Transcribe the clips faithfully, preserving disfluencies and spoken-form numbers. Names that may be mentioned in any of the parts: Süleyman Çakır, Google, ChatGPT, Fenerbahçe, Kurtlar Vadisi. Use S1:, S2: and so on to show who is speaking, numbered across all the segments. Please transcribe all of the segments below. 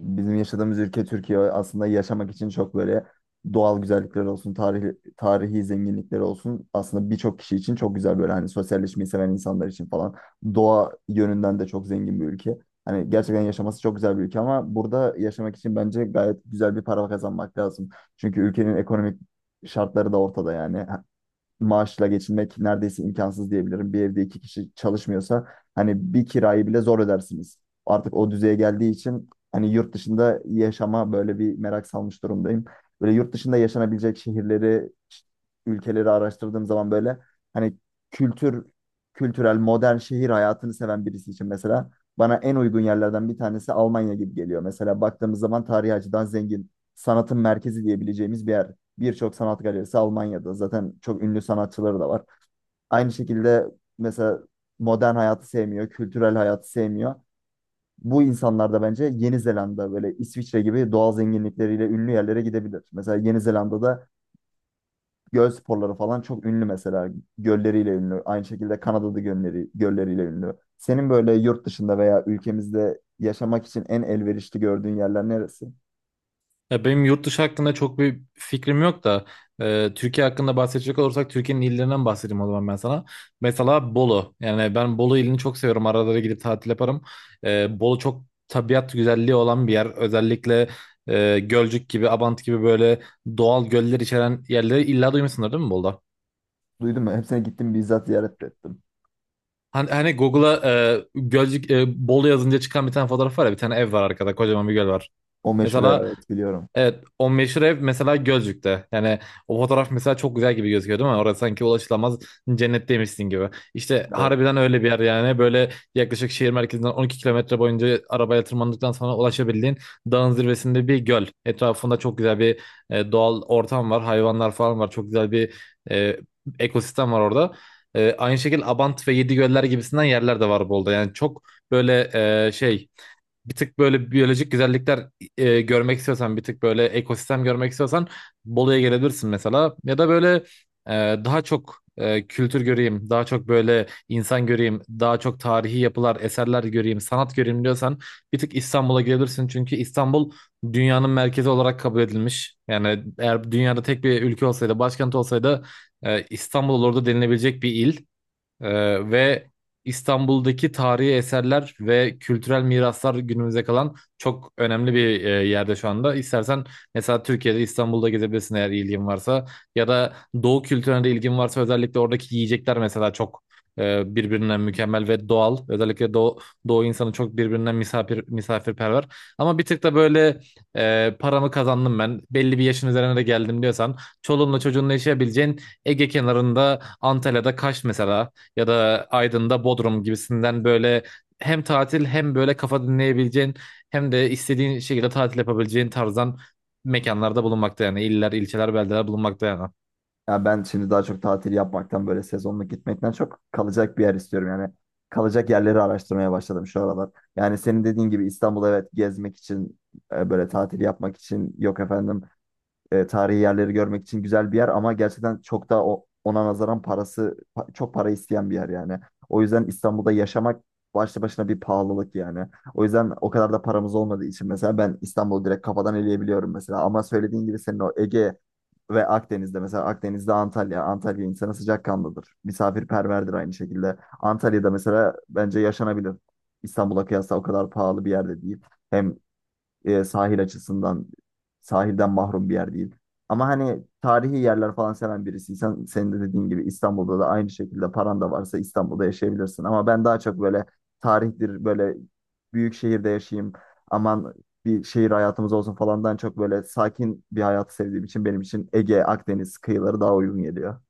S1: Bizim yaşadığımız ülke Türkiye aslında yaşamak için çok böyle doğal güzellikler olsun, tarihi, tarihi zenginlikler olsun. Aslında birçok kişi için çok güzel böyle hani sosyalleşmeyi seven insanlar için falan. Doğa yönünden de çok zengin bir ülke. Hani gerçekten yaşaması çok güzel bir ülke ama burada yaşamak için bence gayet güzel bir para kazanmak lazım. Çünkü ülkenin ekonomik şartları da ortada yani maaşla geçinmek neredeyse imkansız diyebilirim. Bir evde iki kişi çalışmıyorsa hani bir kirayı bile zor ödersiniz. Artık o düzeye geldiği için hani yurt dışında yaşama böyle bir merak salmış durumdayım. Böyle yurt dışında yaşanabilecek şehirleri, ülkeleri araştırdığım zaman böyle hani kültür, kültürel, modern şehir hayatını seven birisi için mesela bana en uygun yerlerden bir tanesi Almanya gibi geliyor. Mesela baktığımız zaman tarihi açıdan zengin, sanatın merkezi diyebileceğimiz bir yer, birçok sanat galerisi Almanya'da. Zaten çok ünlü sanatçıları da var. Aynı şekilde mesela modern hayatı sevmiyor, kültürel hayatı sevmiyor. Bu insanlar da bence Yeni Zelanda böyle İsviçre gibi doğal zenginlikleriyle ünlü yerlere gidebilir. Mesela Yeni Zelanda'da göl sporları falan çok ünlü mesela. Gölleriyle ünlü. Aynı şekilde Kanada'da gölleri, gölleriyle ünlü. Senin böyle yurt dışında veya ülkemizde yaşamak için en elverişli gördüğün yerler neresi?
S2: Ya benim yurt dışı hakkında çok bir fikrim yok da e, Türkiye hakkında bahsedecek olursak Türkiye'nin illerinden bahsedeyim o zaman ben sana. Mesela Bolu. Yani ben Bolu ilini çok seviyorum. Arada da gidip tatil yaparım. E, Bolu çok tabiat güzelliği olan bir yer. Özellikle e, Gölcük gibi, Abant gibi böyle doğal göller içeren yerleri illa duymuşsundur değil mi Bolu'da?
S1: Duydum mu? Hepsine gittim, bizzat ziyaret de ettim.
S2: Hani, hani Google'a e, Gölcük e, Bolu yazınca çıkan bir tane fotoğraf var ya, bir tane ev var arkada, kocaman bir göl var.
S1: O meşhur,
S2: Mesela
S1: evet, biliyorum.
S2: evet, o meşhur ev mesela Gölcük'te. Yani o fotoğraf mesela çok güzel gibi gözüküyor değil mi? Orası sanki ulaşılamaz cennetteymişsin gibi. İşte
S1: Evet.
S2: harbiden öyle bir yer yani. Böyle yaklaşık şehir merkezinden on iki kilometre boyunca arabayla tırmandıktan sonra ulaşabildiğin dağın zirvesinde bir göl. Etrafında çok güzel bir e, doğal ortam var. Hayvanlar falan var. Çok güzel bir e, ekosistem var orada. E, aynı şekilde Abant ve Yedigöller gibisinden yerler de var Bolu'da. Yani çok böyle e, şey bir tık böyle biyolojik güzellikler e, görmek istiyorsan, bir tık böyle ekosistem görmek istiyorsan Bolu'ya gelebilirsin mesela. Ya da böyle e, daha çok e, kültür göreyim, daha çok böyle insan göreyim, daha çok tarihi yapılar, eserler göreyim, sanat göreyim diyorsan bir tık İstanbul'a gelebilirsin. Çünkü İstanbul dünyanın merkezi olarak kabul edilmiş. Yani eğer dünyada tek bir ülke olsaydı, başkent olsaydı e, İstanbul olurdu denilebilecek bir il. Ee, ve İstanbul'daki tarihi eserler ve kültürel miraslar günümüze kalan çok önemli bir e, yerde şu anda. İstersen mesela Türkiye'de, İstanbul'da gezebilirsin eğer ilgin varsa, ya da Doğu kültürüne de ilgin varsa. Özellikle oradaki yiyecekler mesela çok e, birbirinden mükemmel ve doğal. Özellikle Doğu, Doğu insanı çok birbirinden misafir misafirperver. Ama bir tık da böyle e, paramı kazandım ben, belli bir yaşın üzerine de geldim diyorsan, çoluğunla çocuğunla yaşayabileceğin Ege kenarında, Antalya'da Kaş mesela, ya da Aydın'da Bodrum gibisinden, böyle hem tatil, hem böyle kafa dinleyebileceğin, hem de istediğin şekilde tatil yapabileceğin tarzdan mekanlarda bulunmakta, yani iller, ilçeler, beldeler bulunmakta yani.
S1: Ya ben şimdi daha çok tatil yapmaktan böyle sezonluk gitmekten çok kalacak bir yer istiyorum. Yani kalacak yerleri araştırmaya başladım şu aralar. Yani senin dediğin gibi İstanbul evet gezmek için e, böyle tatil yapmak için, yok efendim, e, tarihi yerleri görmek için güzel bir yer ama gerçekten çok da o, ona nazaran parası pa- çok para isteyen bir yer yani. O yüzden İstanbul'da yaşamak başlı başına bir pahalılık yani. O yüzden o kadar da paramız olmadığı için mesela ben İstanbul'u direkt kafadan eleyebiliyorum mesela. Ama söylediğin gibi senin o Ege ve Akdeniz'de, mesela Akdeniz'de Antalya. Antalya insanı sıcakkanlıdır. Misafirperverdir aynı şekilde. Antalya'da mesela bence yaşanabilir. İstanbul'a kıyasla o kadar pahalı bir yerde değil. Hem e, sahil açısından sahilden mahrum bir yer değil. Ama hani tarihi yerler falan seven birisiysen senin de dediğin gibi İstanbul'da da aynı şekilde paran da varsa İstanbul'da yaşayabilirsin. Ama ben daha çok böyle tarihtir böyle büyük şehirde yaşayayım aman bir şehir hayatımız olsun falandan çok böyle sakin bir hayatı sevdiğim için benim için Ege, Akdeniz kıyıları daha uygun geliyor.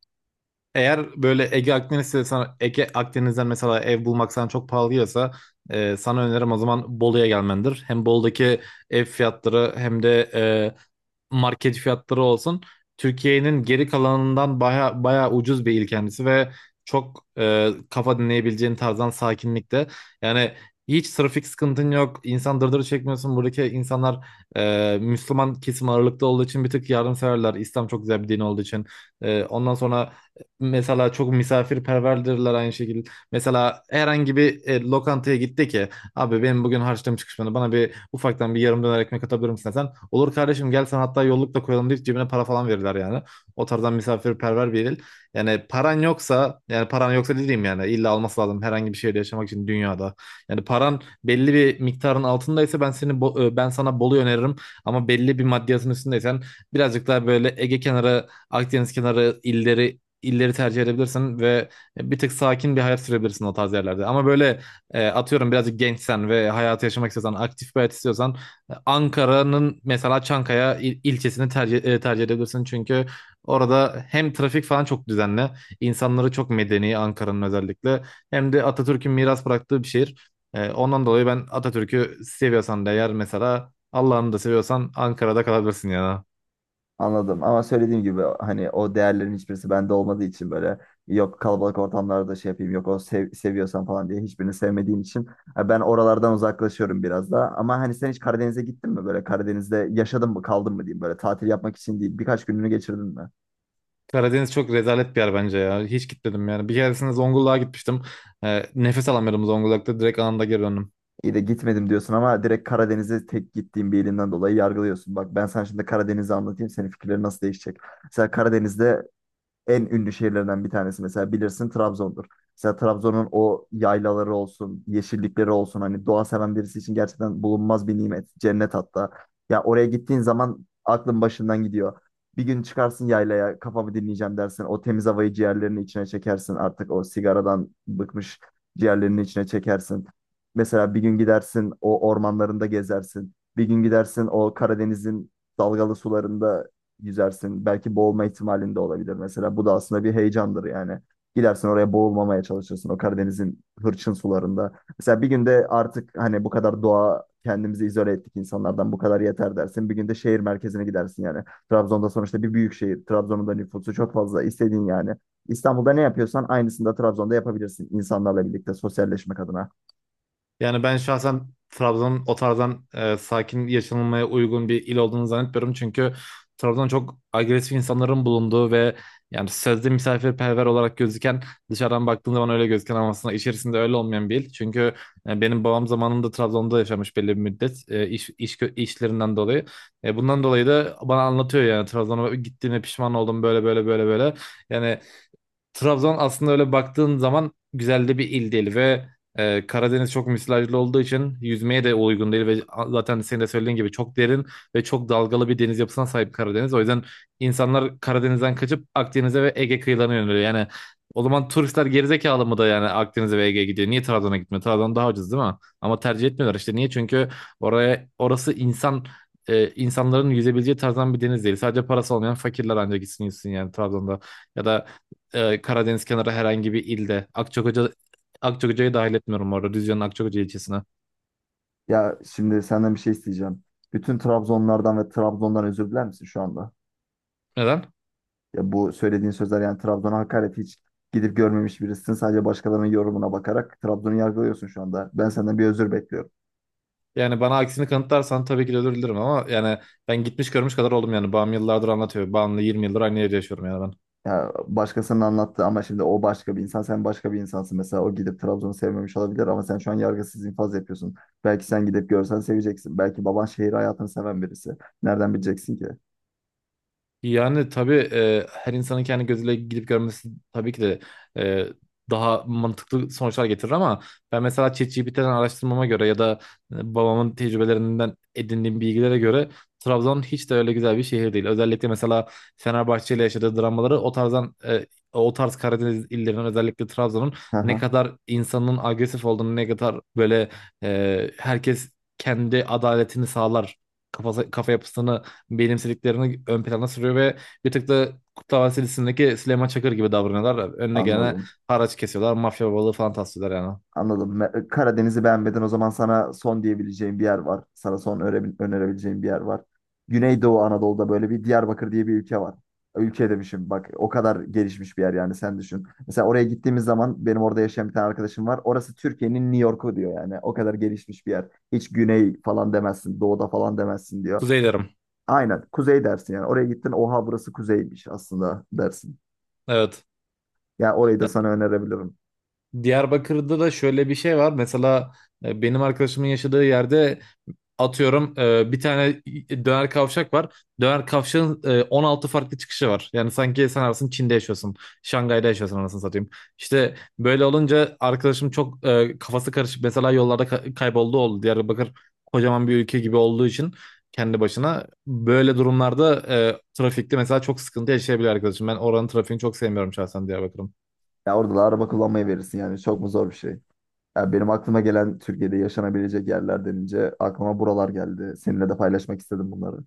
S2: Eğer böyle Ege, Akdeniz'de sana, Ege, Akdeniz'den mesela ev bulmak sana çok pahalı geliyorsa, e, sana önerim o zaman Bolu'ya gelmendir. Hem Bolu'daki ev fiyatları, hem de e, market fiyatları olsun, Türkiye'nin geri kalanından baya, baya ucuz bir il kendisi ve çok e, kafa dinleyebileceğin tarzdan sakinlikte. Yani hiç trafik sıkıntın yok. İnsan dırdırı çekmiyorsun. Buradaki insanlar e, Müslüman kesim ağırlıkta olduğu için bir tık yardımseverler. İslam çok güzel bir din olduğu için. E, ondan sonra mesela çok misafirperverdirler aynı şekilde. Mesela herhangi bir e, lokantaya gitti ki, "Abi benim bugün harçlığım çıkışmadı. Bana bir ufaktan bir yarım döner ekmek atabilir misin sen?" "Olur kardeşim gel, sen hatta yolluk da koyalım" deyip cebine para falan verirler yani. O tarzdan misafirperver bir il. Yani paran yoksa yani paran yoksa, dediğim, yani illa alması lazım herhangi bir şeyde yaşamak için dünyada. Yani paran belli bir miktarın altındaysa ben seni Bo- e, ben sana Bolu'yu öneririm, ama belli bir maddiyatın üstündeysen birazcık daha böyle Ege kenarı, Akdeniz kenarı illeri illeri tercih edebilirsin ve bir tık sakin bir hayat sürebilirsin o tarz yerlerde. Ama böyle e, atıyorum birazcık gençsen ve hayatı yaşamak istiyorsan, aktif bir hayat istiyorsan e, Ankara'nın mesela Çankaya il- ilçesini tercih, e, tercih edebilirsin. Çünkü orada hem trafik falan çok düzenli, insanları çok medeni Ankara'nın özellikle, hem de Atatürk'ün miras bıraktığı bir şehir. E, ondan dolayı ben, Atatürk'ü seviyorsan da eğer, mesela Allah'ını da seviyorsan Ankara'da kalabilirsin ya.
S1: Anladım ama söylediğim gibi hani o değerlerin hiçbirisi bende olmadığı için böyle yok kalabalık ortamlarda şey yapayım yok o sev seviyorsan falan diye hiçbirini sevmediğim için e, ben oralardan uzaklaşıyorum biraz da. Ama hani sen hiç Karadeniz'e gittin mi, böyle Karadeniz'de yaşadın mı, kaldın mı diyeyim, böyle tatil yapmak için değil birkaç gününü geçirdin mi?
S2: Karadeniz çok rezalet bir yer bence ya. Hiç gitmedim yani. Bir keresinde Zonguldak'a gitmiştim. E, nefes alamıyordum Zonguldak'ta. Direkt anında geri döndüm.
S1: İyi de gitmedim diyorsun ama direkt Karadeniz'e tek gittiğim bir ilinden dolayı yargılıyorsun. Bak ben sana şimdi Karadeniz'i anlatayım, senin fikirlerin nasıl değişecek. Mesela Karadeniz'de en ünlü şehirlerinden bir tanesi mesela bilirsin Trabzon'dur. Mesela Trabzon'un o yaylaları olsun, yeşillikleri olsun hani doğa seven birisi için gerçekten bulunmaz bir nimet, cennet hatta. Ya oraya gittiğin zaman aklın başından gidiyor. Bir gün çıkarsın yaylaya, kafamı dinleyeceğim dersin. O temiz havayı ciğerlerinin içine çekersin. Artık o sigaradan bıkmış ciğerlerinin içine çekersin. Mesela bir gün gidersin o ormanlarında gezersin. Bir gün gidersin o Karadeniz'in dalgalı sularında yüzersin. Belki boğulma ihtimalin de olabilir mesela. Bu da aslında bir heyecandır yani. Gidersin oraya, boğulmamaya çalışırsın o Karadeniz'in hırçın sularında. Mesela bir günde artık hani bu kadar doğa, kendimizi izole ettik insanlardan bu kadar yeter dersin. Bir günde şehir merkezine gidersin yani. Trabzon'da sonuçta bir büyük şehir. Trabzon'un da nüfusu çok fazla istediğin yani. İstanbul'da ne yapıyorsan aynısını da Trabzon'da yapabilirsin insanlarla birlikte sosyalleşmek adına.
S2: Yani ben şahsen Trabzon'un o tarzdan e, sakin yaşanılmaya uygun bir il olduğunu zannetmiyorum. Çünkü Trabzon çok agresif insanların bulunduğu ve, yani sözde misafirperver olarak gözüken, dışarıdan baktığın zaman öyle gözüken ama aslında içerisinde öyle olmayan bir il. Çünkü e, benim babam zamanında Trabzon'da yaşamış belli bir müddet e, iş, iş kö- işlerinden dolayı. E, bundan dolayı da bana anlatıyor yani, Trabzon'a gittiğine pişman oldum böyle böyle böyle böyle. Yani Trabzon aslında öyle baktığın zaman güzel de bir il değil ve e, Karadeniz çok müsilajlı olduğu için yüzmeye de uygun değil ve zaten senin de söylediğin gibi çok derin ve çok dalgalı bir deniz yapısına sahip Karadeniz. O yüzden insanlar Karadeniz'den kaçıp Akdeniz'e ve Ege kıyılarına yöneliyor. Yani o zaman turistler gerizekalı mı da yani Akdeniz'e ve Ege'ye gidiyor? Niye Trabzon'a gitmiyor? Trabzon daha ucuz değil mi? Ama tercih etmiyorlar işte. Niye? Çünkü oraya orası insan e, insanların yüzebileceği tarzdan bir deniz değil. Sadece parası olmayan fakirler ancak gitsin yüzsün yani Trabzon'da. Ya da e, Karadeniz kenarı herhangi bir ilde. Akçakoca Akçakoca'yı dahil etmiyorum orada, Düzce'nin Akçakoca ilçesine.
S1: Ya şimdi senden bir şey isteyeceğim. Bütün Trabzonlardan ve Trabzon'dan özür diler misin şu anda?
S2: Neden?
S1: Ya bu söylediğin sözler yani Trabzon'a hakaret, hiç gidip görmemiş birisin. Sadece başkalarının yorumuna bakarak Trabzon'u yargılıyorsun şu anda. Ben senden bir özür bekliyorum.
S2: Yani bana aksini kanıtlarsan tabii ki de özür dilerim, ama yani ben gitmiş görmüş kadar oldum yani. Babam yıllardır anlatıyor. Babamla yirmi yıldır aynı yerde yaşıyorum yani ben.
S1: Ya başkasının anlattı ama şimdi o başka bir insan, sen başka bir insansın. Mesela o gidip Trabzon'u sevmemiş olabilir ama sen şu an yargısız infaz yapıyorsun. Belki sen gidip görsen seveceksin. Belki baban şehir hayatını seven birisi. Nereden bileceksin ki?
S2: Yani tabii e, her insanın kendi gözüyle gidip görmesi tabii ki de e, daha mantıklı sonuçlar getirir, ama ben mesela ChatGPT'den araştırmama göre ya da e, babamın tecrübelerinden edindiğim bilgilere göre Trabzon hiç de öyle güzel bir şehir değil. Özellikle mesela Fenerbahçe ile yaşadığı dramaları o tarzdan e, o tarz Karadeniz illerinin, özellikle Trabzon'un ne
S1: Haha.
S2: kadar insanın agresif olduğunu, ne kadar böyle e, herkes kendi adaletini sağlar kafası, kafa yapısını benimsediklerini ön plana sürüyor ve bir tık da Kurtlar Vadisi dizisindeki Süleyman Çakır gibi davranıyorlar. Önüne gelene
S1: Anladım.
S2: haraç kesiyorlar. Mafya babalığı falan taslıyorlar yani.
S1: Anladım. Me- Karadeniz'i beğenmeden o zaman sana son diyebileceğim bir yer var. Sana son öre- önerebileceğim bir yer var. Güneydoğu Anadolu'da böyle bir Diyarbakır diye bir ülke var. Ülke demişim bak, o kadar gelişmiş bir yer yani, sen düşün. Mesela oraya gittiğimiz zaman benim orada yaşayan bir tane arkadaşım var. Orası Türkiye'nin New York'u diyor yani. O kadar gelişmiş bir yer. Hiç güney falan demezsin, doğuda falan demezsin diyor.
S2: Kuzey derim.
S1: Aynen kuzey dersin yani. Oraya gittin oha burası kuzeymiş aslında dersin.
S2: Evet.
S1: Ya orayı
S2: E,
S1: da sana önerebilirim.
S2: Diyarbakır'da da şöyle bir şey var. Mesela e, benim arkadaşımın yaşadığı yerde, atıyorum, e, bir tane döner kavşak var. Döner kavşağın e, on altı farklı çıkışı var. Yani sanki sen arasın Çin'de yaşıyorsun, Şangay'da yaşıyorsun anasını satayım. İşte böyle olunca arkadaşım çok e, kafası karışık. Mesela yollarda ka- kayboldu oldu. Diyarbakır kocaman bir ülke gibi olduğu için kendi başına. Böyle durumlarda e, trafikte mesela çok sıkıntı yaşayabilir arkadaşım. Ben oranın trafiğini çok sevmiyorum şahsen, Diyarbakır'ın.
S1: Ya orada da araba kullanmayı verirsin yani, çok mu zor bir şey? Ya benim aklıma gelen Türkiye'de yaşanabilecek yerler denince aklıma buralar geldi. Seninle de paylaşmak istedim bunları.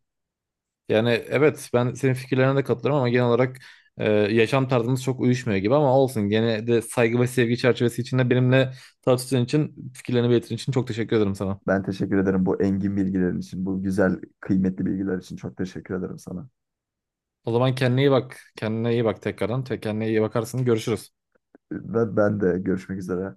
S2: Yani evet, ben senin fikirlerine de katılıyorum ama genel olarak e, yaşam tarzımız çok uyuşmuyor gibi, ama olsun. Gene de saygı ve sevgi çerçevesi içinde benimle tartıştığın için, fikirlerini belirttiğin için çok teşekkür ederim sana.
S1: Ben teşekkür ederim bu engin bilgilerin için, bu güzel, kıymetli bilgiler için çok teşekkür ederim sana.
S2: O zaman kendine iyi bak. Kendine iyi bak tekrardan. Te- Kendine iyi bakarsın. Görüşürüz.
S1: Ve ben de görüşmek üzere.